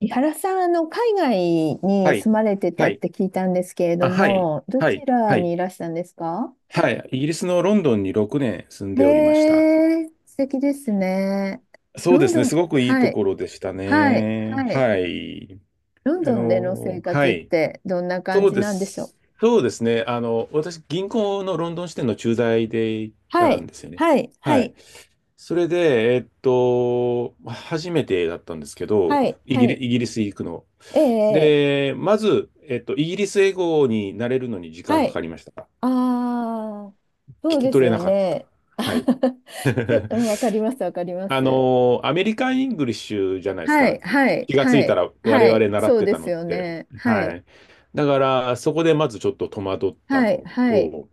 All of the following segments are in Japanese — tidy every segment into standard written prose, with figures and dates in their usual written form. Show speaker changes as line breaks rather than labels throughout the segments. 井原さん、海外に
はい。
住まれてた
は
っ
い。
て聞いたんですけれど
あ、はい。
も、ど
は
ち
い。
ら
は
に
い。
いらしたんですか？
はい。イギリスのロンドンに6年住ん
へ
でおりました。
え、素敵ですね。
そう
ロ
で
ン
す
ド
ね。す
ン、
ごくいい
は
と
い、
ころでした
はい、
ね。
はい。
はい。
ロンドンでの生
は
活っ
い。
てどんな感
そう
じ
で
なんでしょう？
す。そうですね。私、銀行のロンドン支店の駐在で行っ
は
たん
い、
ですよね。
はい、は
はい。
い、
それで、初めてだったんですけど、
はい、はい。
イギリス行くの。
ええ、
で、まず、イギリス英語になれるのに時
は
間かか
い。
りました。
ああ、そ
聞
う
き
です
取れ
よ
なかった。
ね。
はい。
ちょっ と、うんわかります、わかります。
アメリカン・イングリッシュじゃないです
は
か。
い、はい、
気がつ
は
いた
い、
ら我
はい、
々習っ
そう
て
で
た
す
のっ
よ
て。
ね。は
は
い、
い。だから、そこでまずちょっと戸惑った
はい、
の
はい、
と、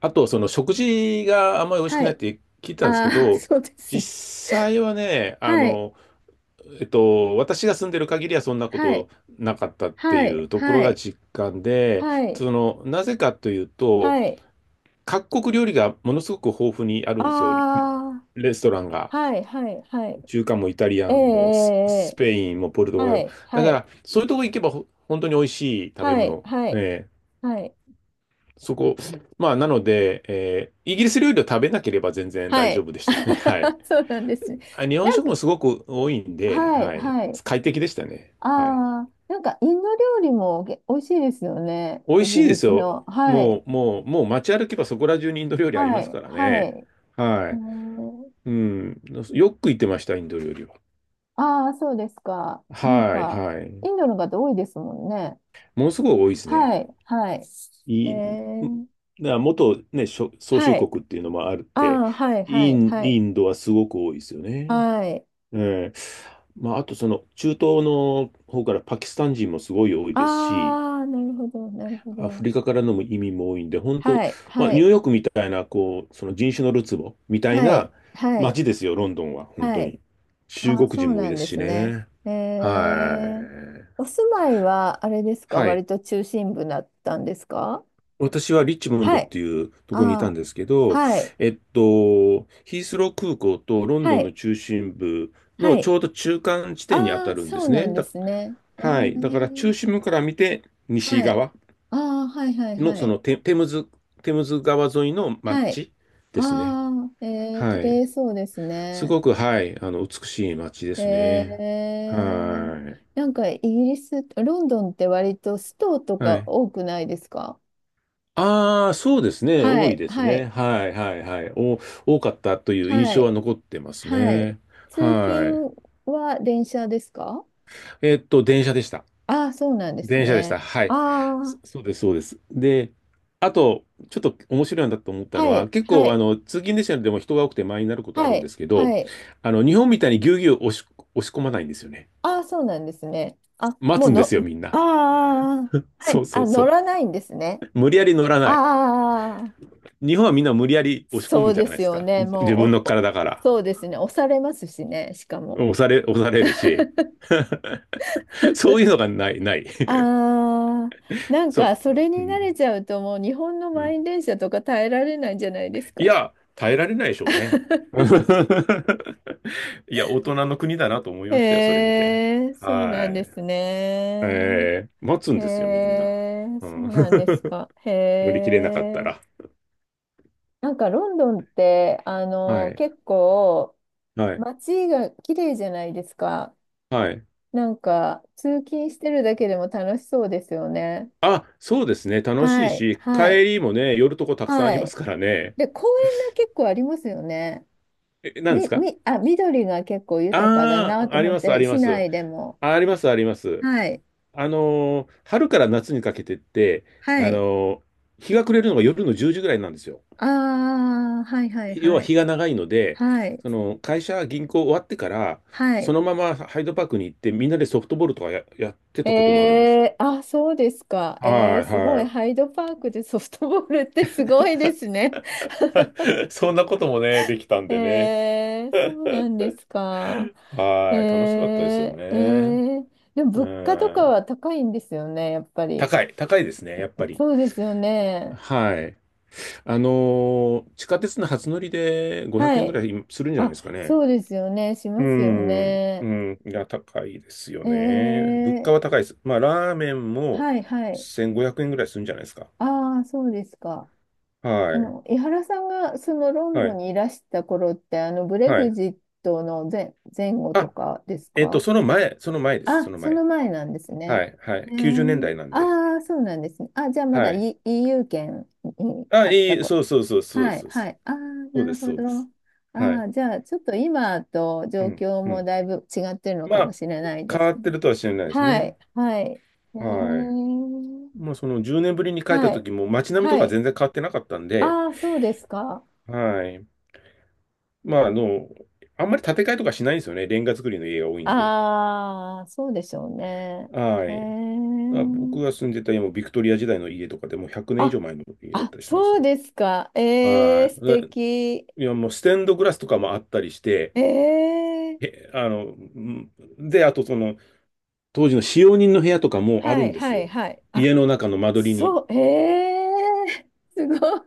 あと、その食事があんまり美味し
は
くないっ
い、
て聞いたんですけ
ああ、
ど、
そうですね。
実際はね、
はい、
私が住んでる限りはそんなこ
は
と
い、
なかったって
は
い
い、
うところ
は
が
い、
実感で、
はい、
なぜかというと、
はい、
各国料理がものすごく豊富にあるんですよ。
あ
レストランが、
あ、はい、はい、はい、
中華もイタリ
え
ア
え、
ンも
え
ス
え、ええ
ペインもポルトガル
は
も。
い、
だ
は
か
い、
ら、そういうとこ行けば本当に美味しい食べ
はい、
物。
はい、
ええ
はい、
そこ、まあ、なので、イギリス料理を食べなければ全然
は
大丈
い、
夫でしたね。はい。
そうなんですね。
日本食もすごく多いんで、
はい、
はい。
はい、
快適でしたね。
あ
はい。
あ、なんかインド料理も美味しいですよね。
美味
イ
し
ギ
いで
リ
す
ス
よ。
の。はい、
もう、もう、もう街歩けばそこら中にインド料理あり
は
ます
い、
から
は
ね。
い。
は
う
い。
ん。
うん。よく行ってました、インド料理は。
ああ、そうですか。なん
はい、
か、
はい。
インドの方多いですもんね。
ものすごい多いですね。
はい、はい。え
い
ー、
い、な元、ね、しょ宗
は
主
い。
国っていうのもあるっ
あ
て、
あ、はい、はい、はい。
インドはすごく多いですよね。
はい。
ええまあ、あとその中東の方からパキスタン人もすごい多いですし、
ああ、なるほど、なるほ
アフ
ど。
リカからの移民も多いんで、本当、
はい、
まあ、
は
ニュー
い、
ヨークみたいな、こう、その人種のるつぼみたい
は
な
い、はい、
街ですよ、ロンドンは、本
は
当
い。
に。中
ああ、
国
そ
人
う
も多い
な
で
ん
す
で
し
すね。
ね。
え
は
ー、お
い。
住まいは、あれですか、
はい。
割と中心部だったんですか？
私はリッチモンド
は
っ
い。
ていうところにいた
あ
ん
あ、
ですけど、
はい、
ヒースロー空港とロン
は
ドンの
い、
中心部
は
のち
い。
ょうど中間地点に当
あ
た
あ、
るんで
そう
す
なん
ね。
ですね。え
はい。だから中
ー、
心部から見て西
はい。
側
ああ、はいはい
の
は
そ
い。
のテムズ川沿いの
はい。
街ですね。
ああ、えー、
は
綺
い。
麗そうです
す
ね。
ごく、はい。美しい街です
え
ね。
ー、
は
なんかイギリス、ロンドンって割とストと
い。は
か
い。
多くないですか？
ああ、そうですね。
は
多い
い、
です
は
ね。
い、
はいはいはい。多かったという印
は
象は
い、
残ってます
はい。
ね。
通
はい。
勤は電車ですか？
電車でした。
ああー、そうなんです
電車でした。
ね。
はい。
ああ、
そうです、そうです。で、あと、ちょっと面白いなと思ったの
は
は、
い、
結
は
構、
い、
通勤電車でも人が多くて満員になることあ
は
るんで
い、
すけど、
はい。
日本みたいにぎゅうぎゅう押し込まないんですよね。
ああ、そうなんですね。あ、
待
もう
つんで
の、
すよ、みん
あ
な。
あ、ああは
そ
い、
うそ
あ、
うそ
乗ら
う。
ないんですね。
無理やり乗らない。
ああ、
日本はみんな無理やり押し込
そ
む
う
じ
で
ゃない
す
です
よ
か。
ね。
自分
も
の
う、
体から。
そうですね。押されますしね、しかも。
押されるし、そういうのがない、ない。
ああ、なん
そう、
か、それに
う
慣
ん、
れちゃうと、もう日本の
う
満
ん。
員電車とか耐えられないんじゃないです
い
か。
や、耐えられないでしょうね。いや、大人の国だなと思いましたよ、それ
へ
見て。
え、そう
は
なんで
い。
すね。
待つ
へ
んですよ、みんな。
え、
う
そ
ん。
うなんですか。へ
乗り切れなかった
え。
ら。
なんかロンドンって、
はい。
結構、
はい。
街が綺麗じゃないですか。
はい。
なんか、通勤してるだけでも楽しそうですよね。
あ、そうですね。楽し
は
い
い、
し、
はい、
帰りもね、寄るとこたくさんあ
は
りま
い。
すからね。
で、公園が結構ありますよね。
え、何です
み、
か？
み、あ、緑が結構豊かだ
ああ
な
ー、
と
あり
思っ
ます、あ
て、
りま
市
す。
内でも。
あります、あります。
はい、
春から夏にかけてって、
は
あ
い。
のー日が暮れるのが夜の10時ぐらいなんですよ。
ああ、はい、はい、
要
は
は
い。
日が長いので、
はい、
その会社、銀行終わってから、
は
そ
い。
のままハイドパークに行って、みんなでソフトボールとかやってたこともあるんですよ。
えー、あ、そうですか。え
は
ー、
い
すごい。
は
ハイドパークでソフトボールってすごいですね。
い。そんなこともね、できたんでね。
えー、そうなんですか。えー、
はい。楽しかったですよ
え
ね。
ー、でも
う
物価とか
ん。
は高いんですよね、やっぱり。
高いですね、やっぱり。
そうですよね。
はい。地下鉄の初乗りで500
は
円ぐ
い。
らいするんじゃないで
あ、
すかね。
そうですよね。し
う
ますよ
ん、う
ね。
ん、いや、高いですよ
え
ね。物価
ー、
は高いです。まあ、ラーメンも
はいはい。
1500円ぐらいするんじゃないですか。
ああ、そうですか。
はい、
井原さんがそのロン
は
ドン
い、
にいらした頃って、ブレ
は
グ
い。
ジットの前後と
あ、
かですか？
その前です、
あ、
その
そ
前。
の前なんです
は
ね。
い、は
え
い。90年
ー、
代なんで。
ああ、そうなんですね。あ、じゃあまだ、
はい。
EU 圏に
あ、
あったこ
そうそうそう、そうで
は
す、
い、
そうで
は
す。
い。ああ、
そう
な
で
る
す、
ほ
そう
ど。
です。は
あ
い。
あ、じゃあちょっと今と
う
状
ん、
況
う
も
ん。
だいぶ違ってるの
ま
かも
あ、
しれないで
変わ
す
っ
ね？
てるとは知らないです
は
ね。
い、はい。え
はい。
ー、
まあ、その10年ぶりに帰った
はい、
時も街並みと
は
か
い。
全然変わってなかったんで、
ああ、そうですか。
はい。まあ、あんまり建て替えとかしないんですよね。レンガ造りの家が多いんで。
ああ、そうでしょうね。
は
え
い。あ、僕
ー、
が住んでた家もビクトリア時代の家とかでもう100年以
あ、
上前の家だっ
あ、
たりします
そう
よ。
ですか。えー、
はい。
素
で
敵。
いや、もうステンドグラスとかもあったりして、
ええー
え、うんで、あとその、当時の使用人の部屋とかもある
は
ん
い
です
はい
よ。
はい。あ、
家の中の間取りに。
そう、ええー すごい。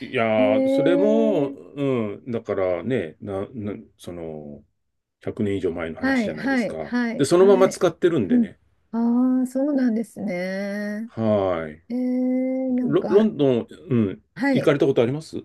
いやー、それ
ええ
も、
ー
うん、だからね、その、100年以上前の
は
話じ
い
ゃないで
は
す
い
か。
はい
で、そのまま
はい。
使ってるん
う
で
ん。
ね。
ああ、そうなんですね。
はーい。
ええーなん
ロ
か、
ンドン、うん、
は
行か
い。
れたことあります？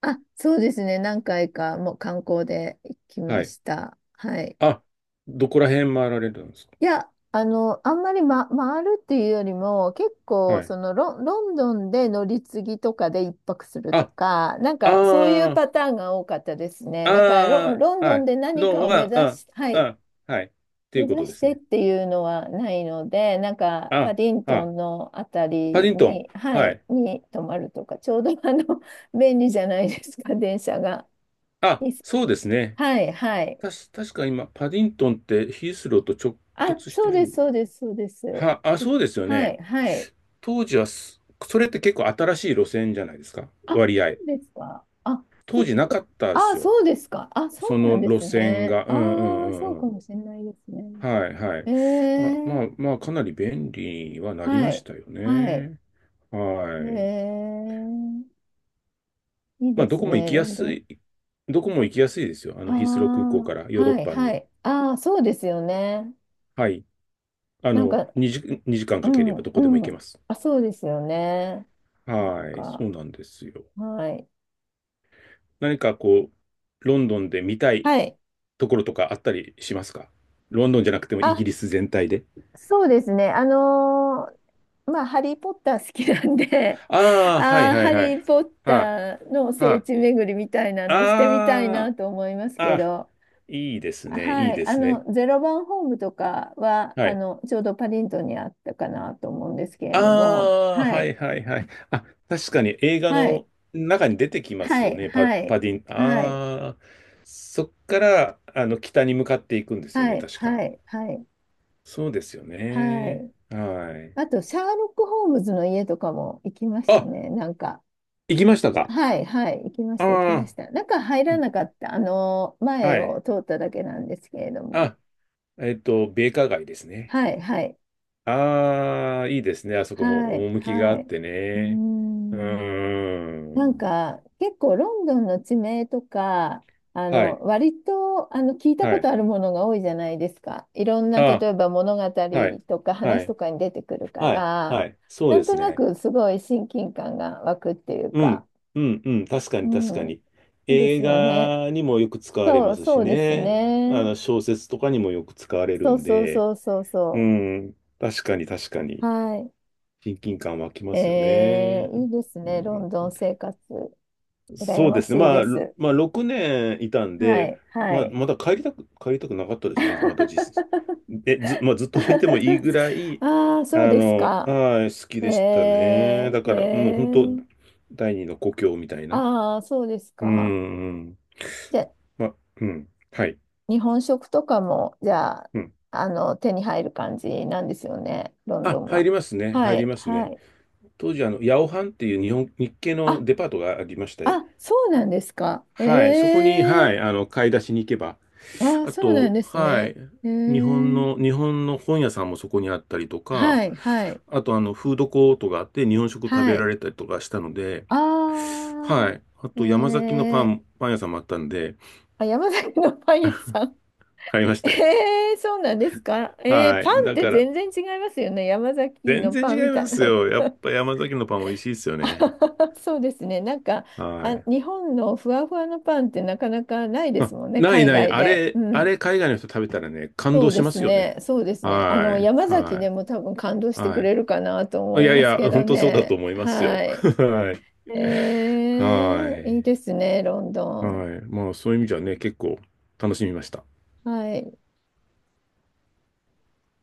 あ、そうですね。何回かもう観光で行きま
はい。
した。はい。
あ、どこら辺回られるんですか？
いや、あんまり、ま、回るっていうよりも、結
は
構、そ
い。
のロン、ロンドンで乗り継ぎとかで一泊すると
あ、
か、なん
あ
かそういう
あ、
パターンが多かったですね。だから
あ
ロン
あ、
ド
は
ン
い。
で何
ロン
かを目
は、
指
あ、
し、はい、
あ、はい。ってい
目
うこと
指
で
し
す
てっ
ね。
ていうのはないので、なんかパ
あ、
ディント
あ、
ンのあた
パ
り
ディントン。
に、は
は
い、
い。
に泊まるとか、ちょうど便利じゃないですか、電車が。
あ、
いいっす
そうですね。
はい、はい。
確か今、パディントンってヒースローと直
あ、
結し
そ
て
う
る
です、
ん
そうです、そうです。
は、あ、
い
そうですよ
は
ね。
い、はい。
当時はす、それって結構新しい路線じゃないですか。
あ、
割
そ
合。
うですか。あ、ちょ
当
っ
時なかっ
と、
たで
あ、
すよ。
そうですか。あ、
そ
そうな
の
んで
路
す
線
ね。
が、うんうんう
ああ、そう
んう
か
ん。
もしれないですね。
はいはい。
え
まあま
え
あまあ、かなり便利にはなり
は
まし
い、
たよ
はい。
ね。はい。
ええいい
ま
で
あ、
すね、ロンドン。
どこも行きやすいですよ。ヒースロー空
あ
港から
あ、
ヨーロッ
はい、
パ
は
に。
い。ああ、そうですよね。
はい。あ
なん
の、
か、
2時、2時間
う
かけれ
ん、
ばどこでも行
う
けま
ん。
す。
あ、そうですよね。なん
はい。そ
か、
うなんですよ。
はい。
何かこう、ロンドンで見たい
はい。
ところとかあったりしますか？ロンドンじゃなくてもイギ
あ、
リス全体で。
そうですね。あのまあ、ハリー・ポッター好きなんで、
ああ、は
あ
い
あ、
は
ハ
いは
リ
い。
ー・ポッ
は
ターの
あ、
聖
は
地巡りみたいなのしてみたい
あ。あ
なと思います
あ、
け
あ、
ど、
いいですね、い
は
い
い、
で
あ
すね。
の、ゼロ番ホームとかは、
は
あ
い。
の、ちょうどパディントンにあったかなと思うんですけ
あ
れども、
あ、
は
は
い、
いはいはい。あ、確かに映画
はい、
の中に出てきます
は
よ
い、
ね、パ、
は
パ
い、
ディン。
はい、
ああ、そっから、北に向かっていくんですよ
は
ね、
い、
確
は
か。
い、はい、
そうですよ
は
ね。
い。
はい。
あと、シャーロック・ホームズの家とかも行きました
あ、
ね、なんか。
行きましたか？
はい、はい、行きまし
あ
た、行きました。中入らなかった、あの、
あ、
前
はい。
を通っただけなんですけれども。
あ、米花街ですね。
はい、はい、
ああ、いいですね。あそこ
は
も
い、
趣が
は
あ
い。
っ
う
て
ー
ね。う
ん、
ー
なん
ん。
か、結構ロンドンの地名とか、
はい、
割と、聞いた
は
こ
い。
とあるものが多いじゃないですか。いろんな、例
あ
えば物語
はい。
とか
は
話と
い。
かに出てくるか
はい。
ら、
はい。そう
なん
で
と
す
な
ね。
くすごい親近感が湧くっていう
う
か、
ん。うん。うん。確か
う
に、確か
ん、
に。
いいです
映
よね。
画にもよく使われ
そ
ま
う、
すし
そうです
ね。
ね。
小説とかにもよく使われる
そう
ん
そう
で。
そうそう
う
そ
ん。確かに、確か
う。
に。
はい。
親近感湧きますよ
え
ね。
ー、いいです
う
ね。ロ
ん、
ンドン生活。羨
そう
ま
です
し
ね。
い
ま
で
あ、
す。
6年いたん
は
で、
い、は
まあ、
い。
まだ帰りたくなかったですね。まだ実質。え、ず、まあ、ずっといてもいいぐらい、
ああ、そうですか。
はい、好き
え
でしたね。だ
ー、
から、もう
え
本当、
ー、
第二の故郷みたいな。
ああ、そうです
うん、
か。
うん。
じゃ
まあ、うん。はい。
日本食とかも、じゃあ、
うん。
手に入る感じなんですよね、ロンド
あ、
ン
入
は。
りますね。
は
入り
い、
ます
は
ね。
い。
当時、ヤオハンっていう日系
あ、
のデパートがありまして、
あ、そうなんですか。え
はい、そこに、は
え
い、買い出しに行けば、
ああ、
あ
そうなん
と、
です
は
ね。
い。
へえ。
日本の本屋さんもそこにあったりとか、
はい、はい、
あと、フードコートがあって日本食食
は
べら
い。
れたりとかしたので、
あ
はい。あ
あ、え
と、山崎の
え。
パン屋さんもあったんで、
あ、山崎のパン屋さん。
買いまし
え
たよ。
え、そうなんですか。ええ、
はい。
パンっ
だ
て
から、
全然違いますよね。山崎
全
の
然
パンみ
違い
た
ま
い
す
な。
よ。やっぱ山崎のパン美味しいですよ
あは
ね。
はそうですね。なんか、
は
あ、
い。
日本のふわふわのパンってなかなかないで
あ、
すもんね、
ない
海
ない。
外
あ
で。
れ、
う
あ
ん。
れ、海外の人食べたらね、感
そ
動
う
し
で
ま
す
すよね。
ね。そうですね。あ
は
の、
い。
山崎で
は
も多分感動し
い。
て
は
くれるかなと思
い。い
い
やい
ます
や、
けど
本当そうだと
ね。
思いますよ。
はい。
はい。
え
は
ー、いい
い。
ですね、ロンド
は
ン。
い。まあ、そういう意味じゃね、結構楽しみました。
はい。